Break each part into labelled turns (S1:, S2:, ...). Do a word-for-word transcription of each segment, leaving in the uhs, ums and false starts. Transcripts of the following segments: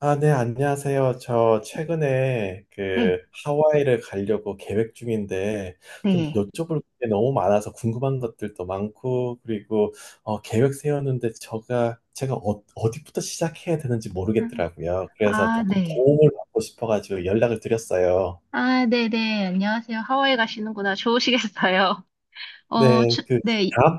S1: 아, 네, 안녕하세요. 저 최근에 그
S2: 네,
S1: 하와이를 가려고 계획 중인데 좀
S2: 네.
S1: 여쭤볼 게 너무 많아서 궁금한 것들도 많고, 그리고 어, 계획 세웠는데 제가 제가 어, 어디부터 시작해야 되는지
S2: 음,
S1: 모르겠더라고요. 그래서
S2: 아,
S1: 조금
S2: 네.
S1: 도움을 받고 싶어가지고 연락을 드렸어요.
S2: 아, 네네. 안녕하세요. 하와이 가시는구나. 좋으시겠어요. 어,
S1: 네,
S2: 추,
S1: 그
S2: 네. 이,
S1: 다음,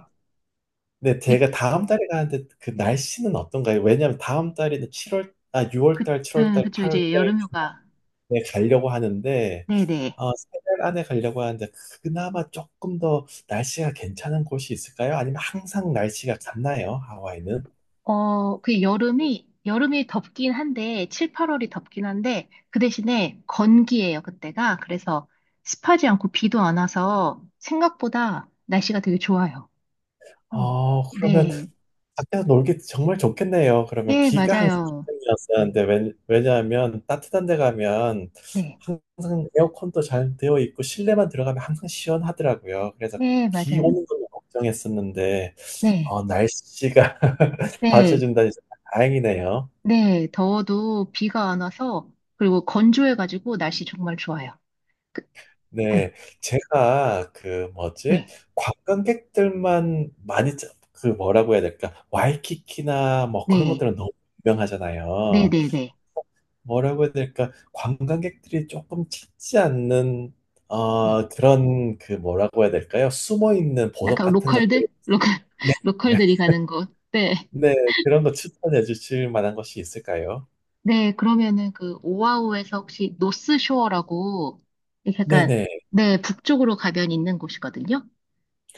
S1: 네,
S2: 이-
S1: 제가 다음 달에 가는데 그 날씨는 어떤가요? 왜냐하면 다음 달에는 칠월, 아, 유월
S2: 그,
S1: 달, 칠월
S2: 네,
S1: 달,
S2: 그쵸.
S1: 팔월
S2: 이제
S1: 달
S2: 여름휴가.
S1: 네, 가려고 하는데,
S2: 네네.
S1: 어, 세 달 안에 가려고 하는데, 그나마 조금 더 날씨가 괜찮은 곳이 있을까요? 아니면 항상 날씨가 같나요? 하와이는?
S2: 어, 그 여름이, 여름이 덥긴 한데, 칠, 팔월이 덥긴 한데, 그 대신에 건기예요, 그때가. 그래서 습하지 않고 비도 안 와서 생각보다 날씨가 되게 좋아요. 어,
S1: 어, 그러면
S2: 네.
S1: 밖에서 놀기 정말 좋겠네요. 그러면
S2: 예,
S1: 비가 항상
S2: 맞아요.
S1: 걱정이었었는데, 왜, 왜냐하면 따뜻한 데 가면
S2: 네.
S1: 항상 에어컨도 잘 되어 있고, 실내만 들어가면 항상 시원하더라고요. 그래서
S2: 예,
S1: 비
S2: 맞아요.
S1: 오는 걸 걱정했었는데,
S2: 네.
S1: 어, 날씨가
S2: 네.
S1: 받쳐준다니 정말 다행이네요.
S2: 네, 더워도 비가 안 와서, 그리고 건조해가지고 날씨 정말 좋아요. 그- 네,
S1: 네, 제가 그 뭐지,
S2: 네,
S1: 관광객들만 많이 짜- 그 뭐라고 해야 될까, 와이키키나 뭐 그런
S2: 네,
S1: 것들은 너무
S2: 네,
S1: 유명하잖아요.
S2: 네, 네.
S1: 뭐라고 해야 될까, 관광객들이 조금 찾지 않는
S2: 네.
S1: 어 그런 그 뭐라고 해야 될까요? 숨어 있는 보석
S2: 약간
S1: 같은 것들을
S2: 로컬들? 로컬,
S1: 네,
S2: 로컬들이 가는 곳. 네.
S1: 네, 그런 거 추천해 주실 만한 것이 있을까요?
S2: 네, 그러면은 그 오아후에서 혹시 노스쇼어라고, 이렇게 약간,
S1: 네네.
S2: 네, 북쪽으로 가면 있는 곳이거든요.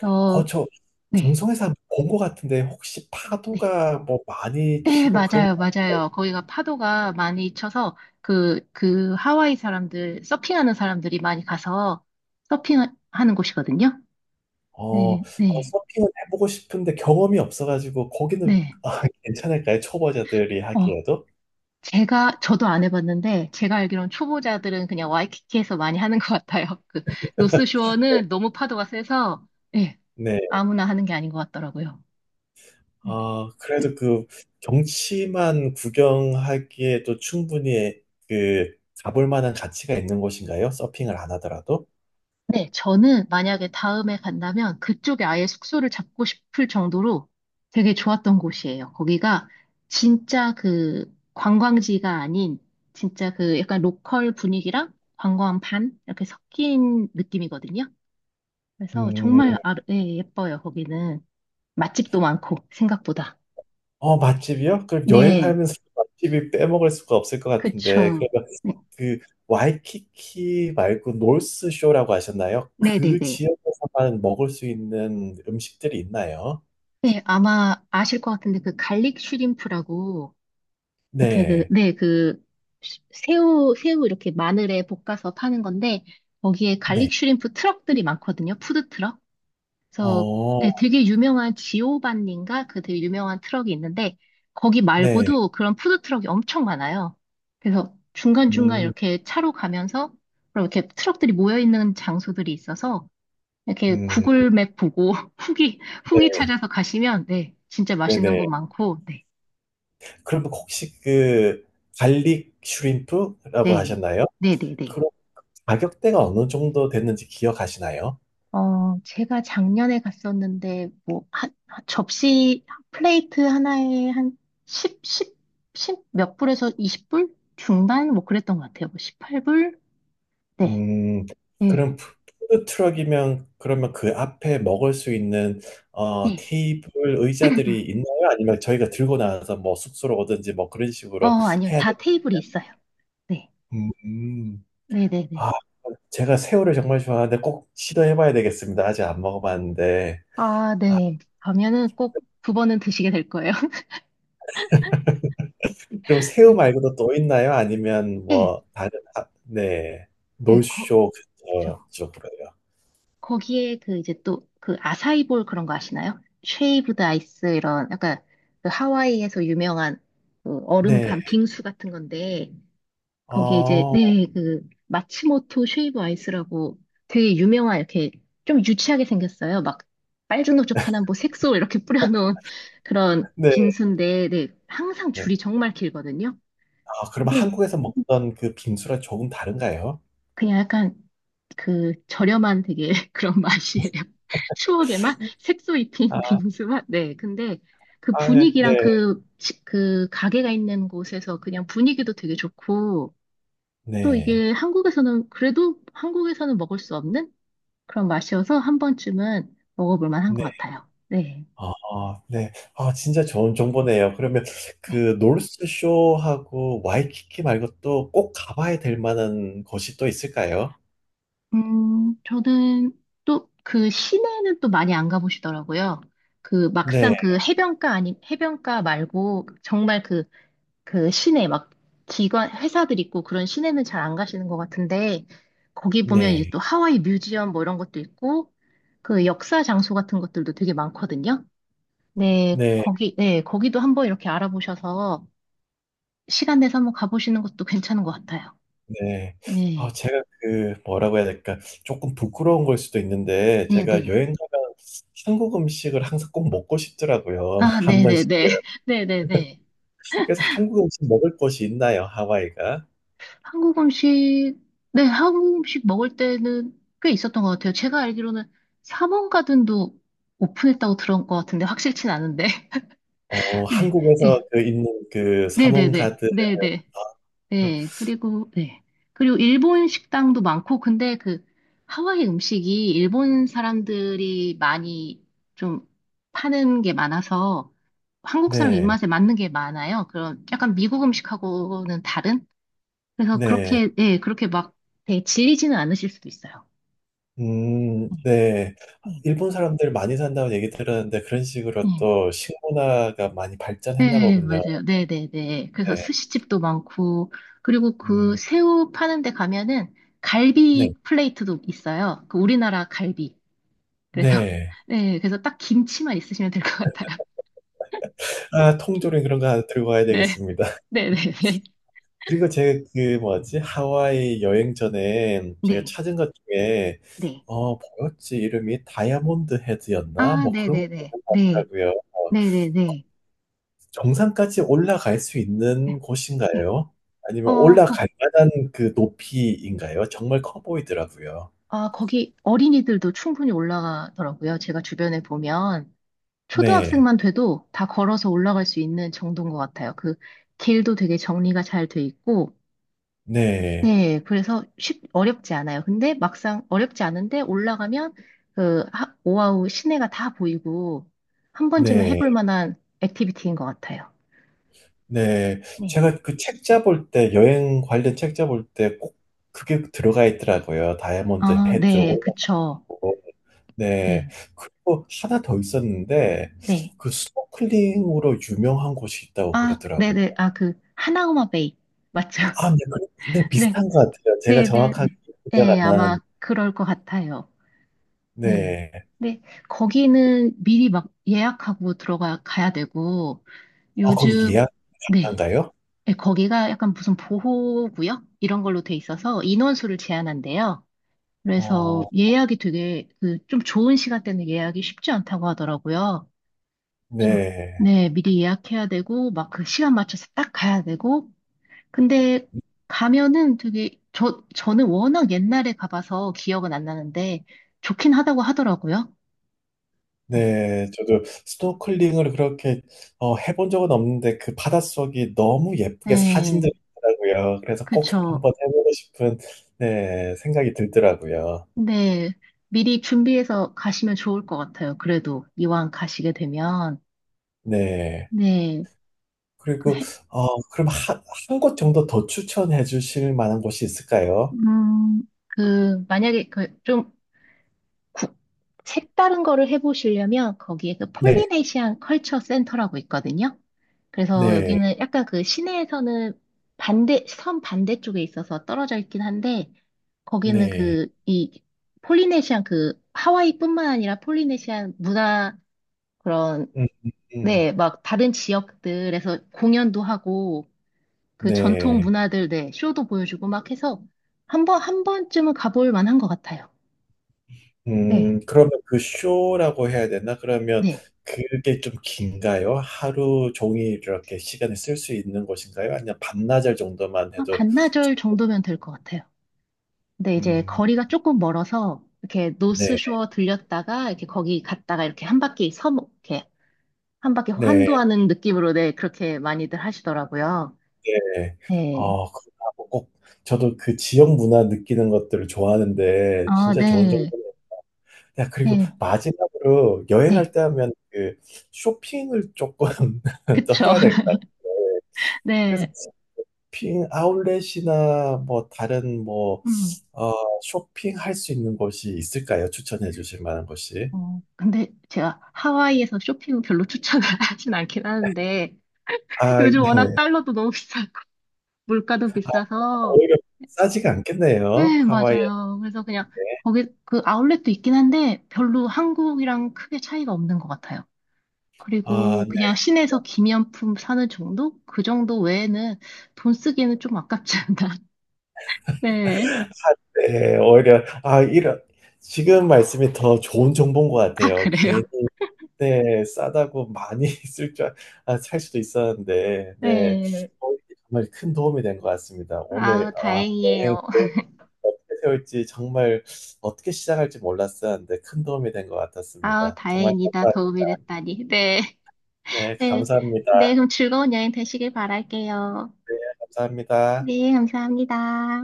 S2: 어,
S1: 어, 저
S2: 네,
S1: 방송에서 본 것 같은데 혹시
S2: 네.
S1: 파도가 뭐 많이
S2: 네,
S1: 치고 그런 거
S2: 맞아요, 맞아요. 거기가 파도가 많이 쳐서 그, 그 하와이 사람들, 서핑하는 사람들이 많이 가서 서핑하는 곳이거든요.
S1: 어, 어,
S2: 네, 네,
S1: 서핑은 해보고 싶은데 경험이 없어가지고 거기는
S2: 네.
S1: 아, 괜찮을까요? 초보자들이
S2: 어,
S1: 하기에도?
S2: 제가, 저도 안 해봤는데, 제가 알기로는 초보자들은 그냥 와이키키에서 많이 하는 것 같아요. 그, 노스쇼어는 너무 파도가 세서, 예,
S1: 네.
S2: 아무나 하는 게 아닌 것 같더라고요. 음,
S1: 아, 그래도 그 경치만 구경하기에도 충분히 그 가볼 만한 가치가 있는 곳인가요? 서핑을 안 하더라도?
S2: 네, 저는 만약에 다음에 간다면 그쪽에 아예 숙소를 잡고 싶을 정도로 되게 좋았던 곳이에요. 거기가 진짜 그 관광지가 아닌 진짜 그 약간 로컬 분위기랑 관광 반 이렇게 섞인 느낌이거든요. 그래서
S1: 음,
S2: 정말 아, 예, 예뻐요, 거기는. 맛집도 많고, 생각보다.
S1: 어, 맛집이요? 그럼
S2: 네,
S1: 여행하면서 맛집이 빼먹을 수가 없을 것 같은데,
S2: 그쵸.
S1: 그러면
S2: 네,
S1: 그 와이키키 말고 노스쇼라고 하셨나요?
S2: 네네네. 네,
S1: 그
S2: 네.
S1: 지역에서만 먹을 수 있는 음식들이 있나요?
S2: 네, 아마 아실 것 같은데 그 갈릭 슈림프라고 이렇게 그,
S1: 네,
S2: 네, 그, 새우, 새우 이렇게 마늘에 볶아서 파는 건데, 거기에
S1: 네,
S2: 갈릭 슈림프 트럭들이 많거든요. 푸드 트럭. 그래서
S1: 어,
S2: 네, 되게 유명한 지오반니인가? 그 되게 유명한 트럭이 있는데, 거기
S1: 네,
S2: 말고도 그런 푸드 트럭이 엄청 많아요. 그래서 중간중간
S1: 음,
S2: 이렇게 차로 가면서, 그럼 이렇게 트럭들이 모여있는 장소들이 있어서, 이렇게
S1: 음,
S2: 구글 맵 보고 후기,
S1: 네,
S2: 후기 찾아서 가시면, 네, 진짜 맛있는 곳
S1: 네네.
S2: 많고, 네,
S1: 그럼 혹시 그 갈릭 슈림프라고
S2: 네, 예.
S1: 하셨나요?
S2: 네, 네, 네.
S1: 그럼 가격대가 어느 정도 됐는지 기억하시나요?
S2: 어, 제가 작년에 갔었는데, 뭐, 한, 한 접시, 플레이트 하나에 한 십, 십, 십 몇 불에서 이십 불? 중반? 뭐 그랬던 것 같아요. 뭐 십팔 불? 네.
S1: 음,
S2: 네.
S1: 그럼 푸- 푸드 트럭이면 그러면 그 앞에 먹을 수 있는 어,
S2: 네.
S1: 테이블 의자들이 있나요? 아니면 저희가 들고 나와서 뭐 숙소로 오든지 뭐 그런
S2: 어,
S1: 식으로
S2: 아니요.
S1: 해야
S2: 다
S1: 되나요?
S2: 테이블이 있어요. 네.
S1: 음, 음. 아,
S2: 네네네.
S1: 제가 새우를 정말 좋아하는데 꼭 시도해봐야 되겠습니다. 아직 안 먹어봤는데.
S2: 아,
S1: 아,
S2: 네. 가면은 꼭 두 번은 드시게 될 거예요.
S1: 그럼 새우
S2: 네.
S1: 말고도 또 있나요? 아니면
S2: 예.
S1: 뭐 다른, 아, 네,
S2: 예. 거,
S1: 놀쇼 근처
S2: 그렇죠.
S1: 쪽으로요.
S2: 거기에 그 이제 또 그 아사이볼 그런 거 아시나요? 쉐이브드 아이스 이런 약간 그 하와이에서 유명한 그 얼음
S1: 네,
S2: 간 빙수 같은 건데 거기에 이제
S1: 어,
S2: 네 그 마츠모토 쉐이브 아이스라고 되게 유명한 이렇게 좀 유치하게 생겼어요. 막 빨주노초파나 뭐 색소 이렇게 뿌려놓은 그런
S1: 네.
S2: 빙수인데 네 항상
S1: 네.
S2: 줄이 정말 길거든요.
S1: 아, 그러면
S2: 근데
S1: 한국에서 먹던 그 빙수랑 조금 다른가요?
S2: 그냥 약간 그 저렴한 되게 그런 맛이에요. 추억의 맛? 색소 입힌
S1: 아,
S2: 빙수 맛? 네. 근데 그
S1: 아, 예. 네,
S2: 분위기랑 그, 시- 그 가게가 있는 곳에서 그냥 분위기도 되게 좋고 또
S1: 네,
S2: 이게 한국에서는 그래도 한국에서는 먹을 수 없는 그런 맛이어서 한 번쯤은 먹어볼 만한 것
S1: 네.
S2: 같아요. 네.
S1: 아, 네. 아, 진짜 좋은 정보네요. 그러면
S2: 네.
S1: 그 노스쇼하고 와이키키 말고 또 꼭 가봐야 될 만한 곳이 또 있을까요?
S2: 음, 저는 또 그 시내는 또 많이 안 가보시더라고요. 그
S1: 네,
S2: 막상 그 해변가 아니, 해변가 말고 정말 그 그 시내 막 기관 회사들 있고 그런 시내는 잘 안 가시는 것 같은데 거기 보면 이제
S1: 네,
S2: 또 하와이 뮤지엄 뭐 이런 것도 있고 그 역사 장소 같은 것들도 되게 많거든요. 네,
S1: 네,
S2: 거기 네, 거기도 한번 이렇게 알아보셔서 시간 내서 한번 가보시는 것도 괜찮은 것 같아요.
S1: 네. 아,
S2: 네,
S1: 제가 그 뭐라고 해야 될까? 조금 부끄러운 걸 수도 있는데
S2: 네,
S1: 제가
S2: 네.
S1: 여행 가면 한국 음식을 항상 꼭 먹고 싶더라고요.
S2: 아,
S1: 한
S2: 네, 네,
S1: 번씩.
S2: 네, 네, 네, 네.
S1: 그래서 한국 음식 먹을 곳이 있나요, 하와이가?
S2: 한국 음식 네, 한국 음식 먹을 때는 꽤 있었던 것 같아요. 제가 알기로는 삼원 가든도 오픈했다고 들은 것 같은데 확실치는 않은데.
S1: 어,
S2: 네,
S1: 한국에서 그 있는 그
S2: 네, 네,
S1: 사몽
S2: 네,
S1: 가드, 아,
S2: 네, 네,
S1: 그렇-
S2: 네. 그리고 네, 그리고 일본 식당도 많고, 근데 그 하와이 음식이 일본 사람들이 많이 좀 파는 게 많아서 한국 사람
S1: 네,
S2: 입맛에 맞는 게 많아요. 그런 약간 미국 음식하고는 다른? 그래서
S1: 네,
S2: 그렇게 네, 그렇게 막 되게 질리지는 않으실 수도 있어요.
S1: 음,
S2: 네,
S1: 네.
S2: 네.
S1: 일본 사람들 많이 산다고 얘기 들었는데 그런 식으로
S2: 네.
S1: 또 식문화가 많이 발전했나
S2: 네,
S1: 보군요.
S2: 맞아요. 네네네. 그래서
S1: 네,
S2: 스시집도 많고, 그리고 그
S1: 음,
S2: 새우 파는 데 가면은
S1: 네,
S2: 갈비 플레이트도 있어요. 그 우리나라 갈비. 그래서,
S1: 네.
S2: 네, 그래서 딱 김치만 있으시면 될 것 같아요.
S1: 아, 통조림 그런 거 하나 들고 가야
S2: 네,
S1: 되겠습니다.
S2: 네네네.
S1: 그리고 제가 그 뭐지, 하와이 여행 전에 제가
S2: 네,
S1: 찾은 것 중에
S2: 네.
S1: 어 뭐였지 이름이 다이아몬드 헤드였나
S2: 아,
S1: 뭐 그런 거
S2: 네네네.
S1: 있는 것
S2: 네,
S1: 같더라고요. 어,
S2: 네네네.
S1: 정상까지 올라갈 수
S2: 네.
S1: 있는
S2: 네.
S1: 곳인가요? 아니면
S2: 어, 거기,
S1: 올라갈 만한 그 높이인가요? 정말 커 보이더라고요.
S2: 아, 거기 어린이들도 충분히 올라가더라고요. 제가 주변에 보면.
S1: 네.
S2: 초등학생만 돼도 다 걸어서 올라갈 수 있는 정도인 것 같아요. 그 길도 되게 정리가 잘 돼 있고,
S1: 네.
S2: 네, 그래서 쉽, 어렵지 않아요. 근데 막상 어렵지 않은데 올라가면 그 하- 오아우 시내가 다 보이고 한 번쯤은
S1: 네.
S2: 해볼 만한 액티비티인 것 같아요.
S1: 네.
S2: 네.
S1: 제가 그 책 잡을 때 여행 관련 책 잡을 때 꼭 그게 들어가 있더라고요. 다이아몬드
S2: 아,
S1: 헤드
S2: 네,
S1: 올라오고.
S2: 그쵸.
S1: 네.
S2: 네,
S1: 그리고 하나 더 있었는데
S2: 네.
S1: 그 스노클링으로 유명한 곳이 있다고
S2: 아,
S1: 그러더라고요.
S2: 네네. 아, 그, 하나우마 베이. 맞죠?
S1: 아, 네. 그- 네,
S2: 네,
S1: 비슷한 것 같아요. 제가
S2: 네, 네.
S1: 정확하게 기억
S2: 네,
S1: 안
S2: 아마
S1: 나는.
S2: 그럴 것 같아요. 네.
S1: 네.
S2: 근데 거기는 미리 막 예약하고 들어가 가야 되고
S1: 아, 거기
S2: 요즘
S1: 예약
S2: 네.
S1: 가능한가요?
S2: 네, 거기가 약간 무슨 보호구역 이런 걸로 돼 있어서 인원수를 제한한대요. 그래서
S1: 어,
S2: 예약이 되게 그 좀 좋은 시간대는 예약이 쉽지 않다고 하더라고요. 그래서
S1: 네.
S2: 네, 미리 예약해야 되고 막 그 시간 맞춰서 딱 가야 되고 근데 가면은 되게 저 저는 워낙 옛날에 가봐서 기억은 안 나는데 좋긴 하다고 하더라고요. 네.
S1: 네, 저도 스노클링을 그렇게 어, 해본 적은 없는데 그 바닷속이 너무 예쁘게
S2: 네,
S1: 사진들이 있더라고요. 그래서 꼭
S2: 그쵸.
S1: 한번 해보고 싶은 네, 생각이 들더라고요.
S2: 근데 미리 준비해서 가시면 좋을 것 같아요. 그래도 이왕 가시게 되면.
S1: 네.
S2: 네, 그
S1: 그리고
S2: 해,
S1: 어, 그럼 한, 한 곳 정도 더 추천해 주실 만한 곳이 있을까요?
S2: 음, 그, 만약에 그 좀 색다른 거를 해보시려면 거기에 그
S1: 네,
S2: 폴리네시안 컬처 센터라고 있거든요. 그래서
S1: 네,
S2: 여기는 약간 그 시내에서는 반대, 섬 반대쪽에 있어서 떨어져 있긴 한데, 거기는
S1: 네.
S2: 그, 이, 폴리네시안 그, 하와이뿐만 아니라 폴리네시안 문화, 그런
S1: 음, 음, 음.
S2: 네, 막 다른 지역들에서 공연도 하고 그 전통
S1: 네.
S2: 문화들, 네, 쇼도 보여주고 막 해서 한 번, 한 번쯤은 가볼 만한 것 같아요. 네.
S1: 음, 그러면 그 쇼라고 해야 되나? 그러면
S2: 네,
S1: 그게 좀 긴가요? 하루 종일 이렇게 시간을 쓸 수 있는 것인가요? 아니면 반나절 정도만
S2: 한
S1: 해도
S2: 반나절 정도면 될 것 같아요. 근데 이제
S1: 음,
S2: 거리가 조금 멀어서 이렇게
S1: 네,
S2: 노스쇼어 들렸다가 이렇게 거기 갔다가 이렇게 한 바퀴 섬, 이렇게 한 바퀴
S1: 네,
S2: 환도하는 느낌으로 네, 그렇게 많이들 하시더라고요.
S1: 네.
S2: 네.
S1: 어, 그렇다고 꼭 저도 그 지역 문화 느끼는 것들을 좋아하는데
S2: 아,
S1: 진짜 좋은 정도
S2: 네.
S1: 야, 그리고
S2: 네.
S1: 마지막으로
S2: 네.
S1: 여행할 때 하면 그 쇼핑을 조금 더
S2: 그쵸.
S1: 해야 될 것 같아요. 그래서
S2: 네.
S1: 쇼핑 아울렛이나 뭐 다른 뭐,
S2: 음.
S1: 어, 쇼핑할 수 있는 곳이 있을까요? 추천해 주실 만한 곳이?
S2: 어, 근데 제가 하와이에서 쇼핑은 별로 추천을 하진 않긴 하는데,
S1: 아,
S2: 요즘
S1: 네.
S2: 워낙 달러도 너무 비싸고, 물가도
S1: 아,
S2: 비싸서,
S1: 오히려 싸지가 않겠네요.
S2: 네,
S1: 하와이. 에
S2: 맞아요. 그래서 그냥, 거기, 그 아울렛도 있긴 한데, 별로 한국이랑 크게 차이가 없는 것 같아요.
S1: 아,
S2: 그리고
S1: 네.
S2: 그냥 시내에서 기념품 사는 정도? 그 정도 외에는 돈 쓰기에는 좀 아깝지 않나. 네.
S1: 네. 오히려 아, 이런 지금 말씀이 더 좋은 정보인 것
S2: 아,
S1: 같아요.
S2: 그래요?
S1: 괜히 네, 싸다고 많이 쓸 줄, 알- 아, 살 수도 있었는데, 네.
S2: 네.
S1: 어, 정말 큰 도움이 된 것 같습니다. 오늘,
S2: 아우,
S1: 아, 여행
S2: 다행이에요.
S1: 어떻게 세울지 정말 어떻게 시작할지 몰랐었는데 큰 도움이 된 것
S2: 아우,
S1: 같았습니다. 정말
S2: 다행이다.
S1: 감사,
S2: 도움이 됐다니. 네.
S1: 네,
S2: 네,
S1: 감사합니다.
S2: 네, 그럼 즐거운 여행 되시길 바랄게요.
S1: 감사합니다.
S2: 네, 감사합니다.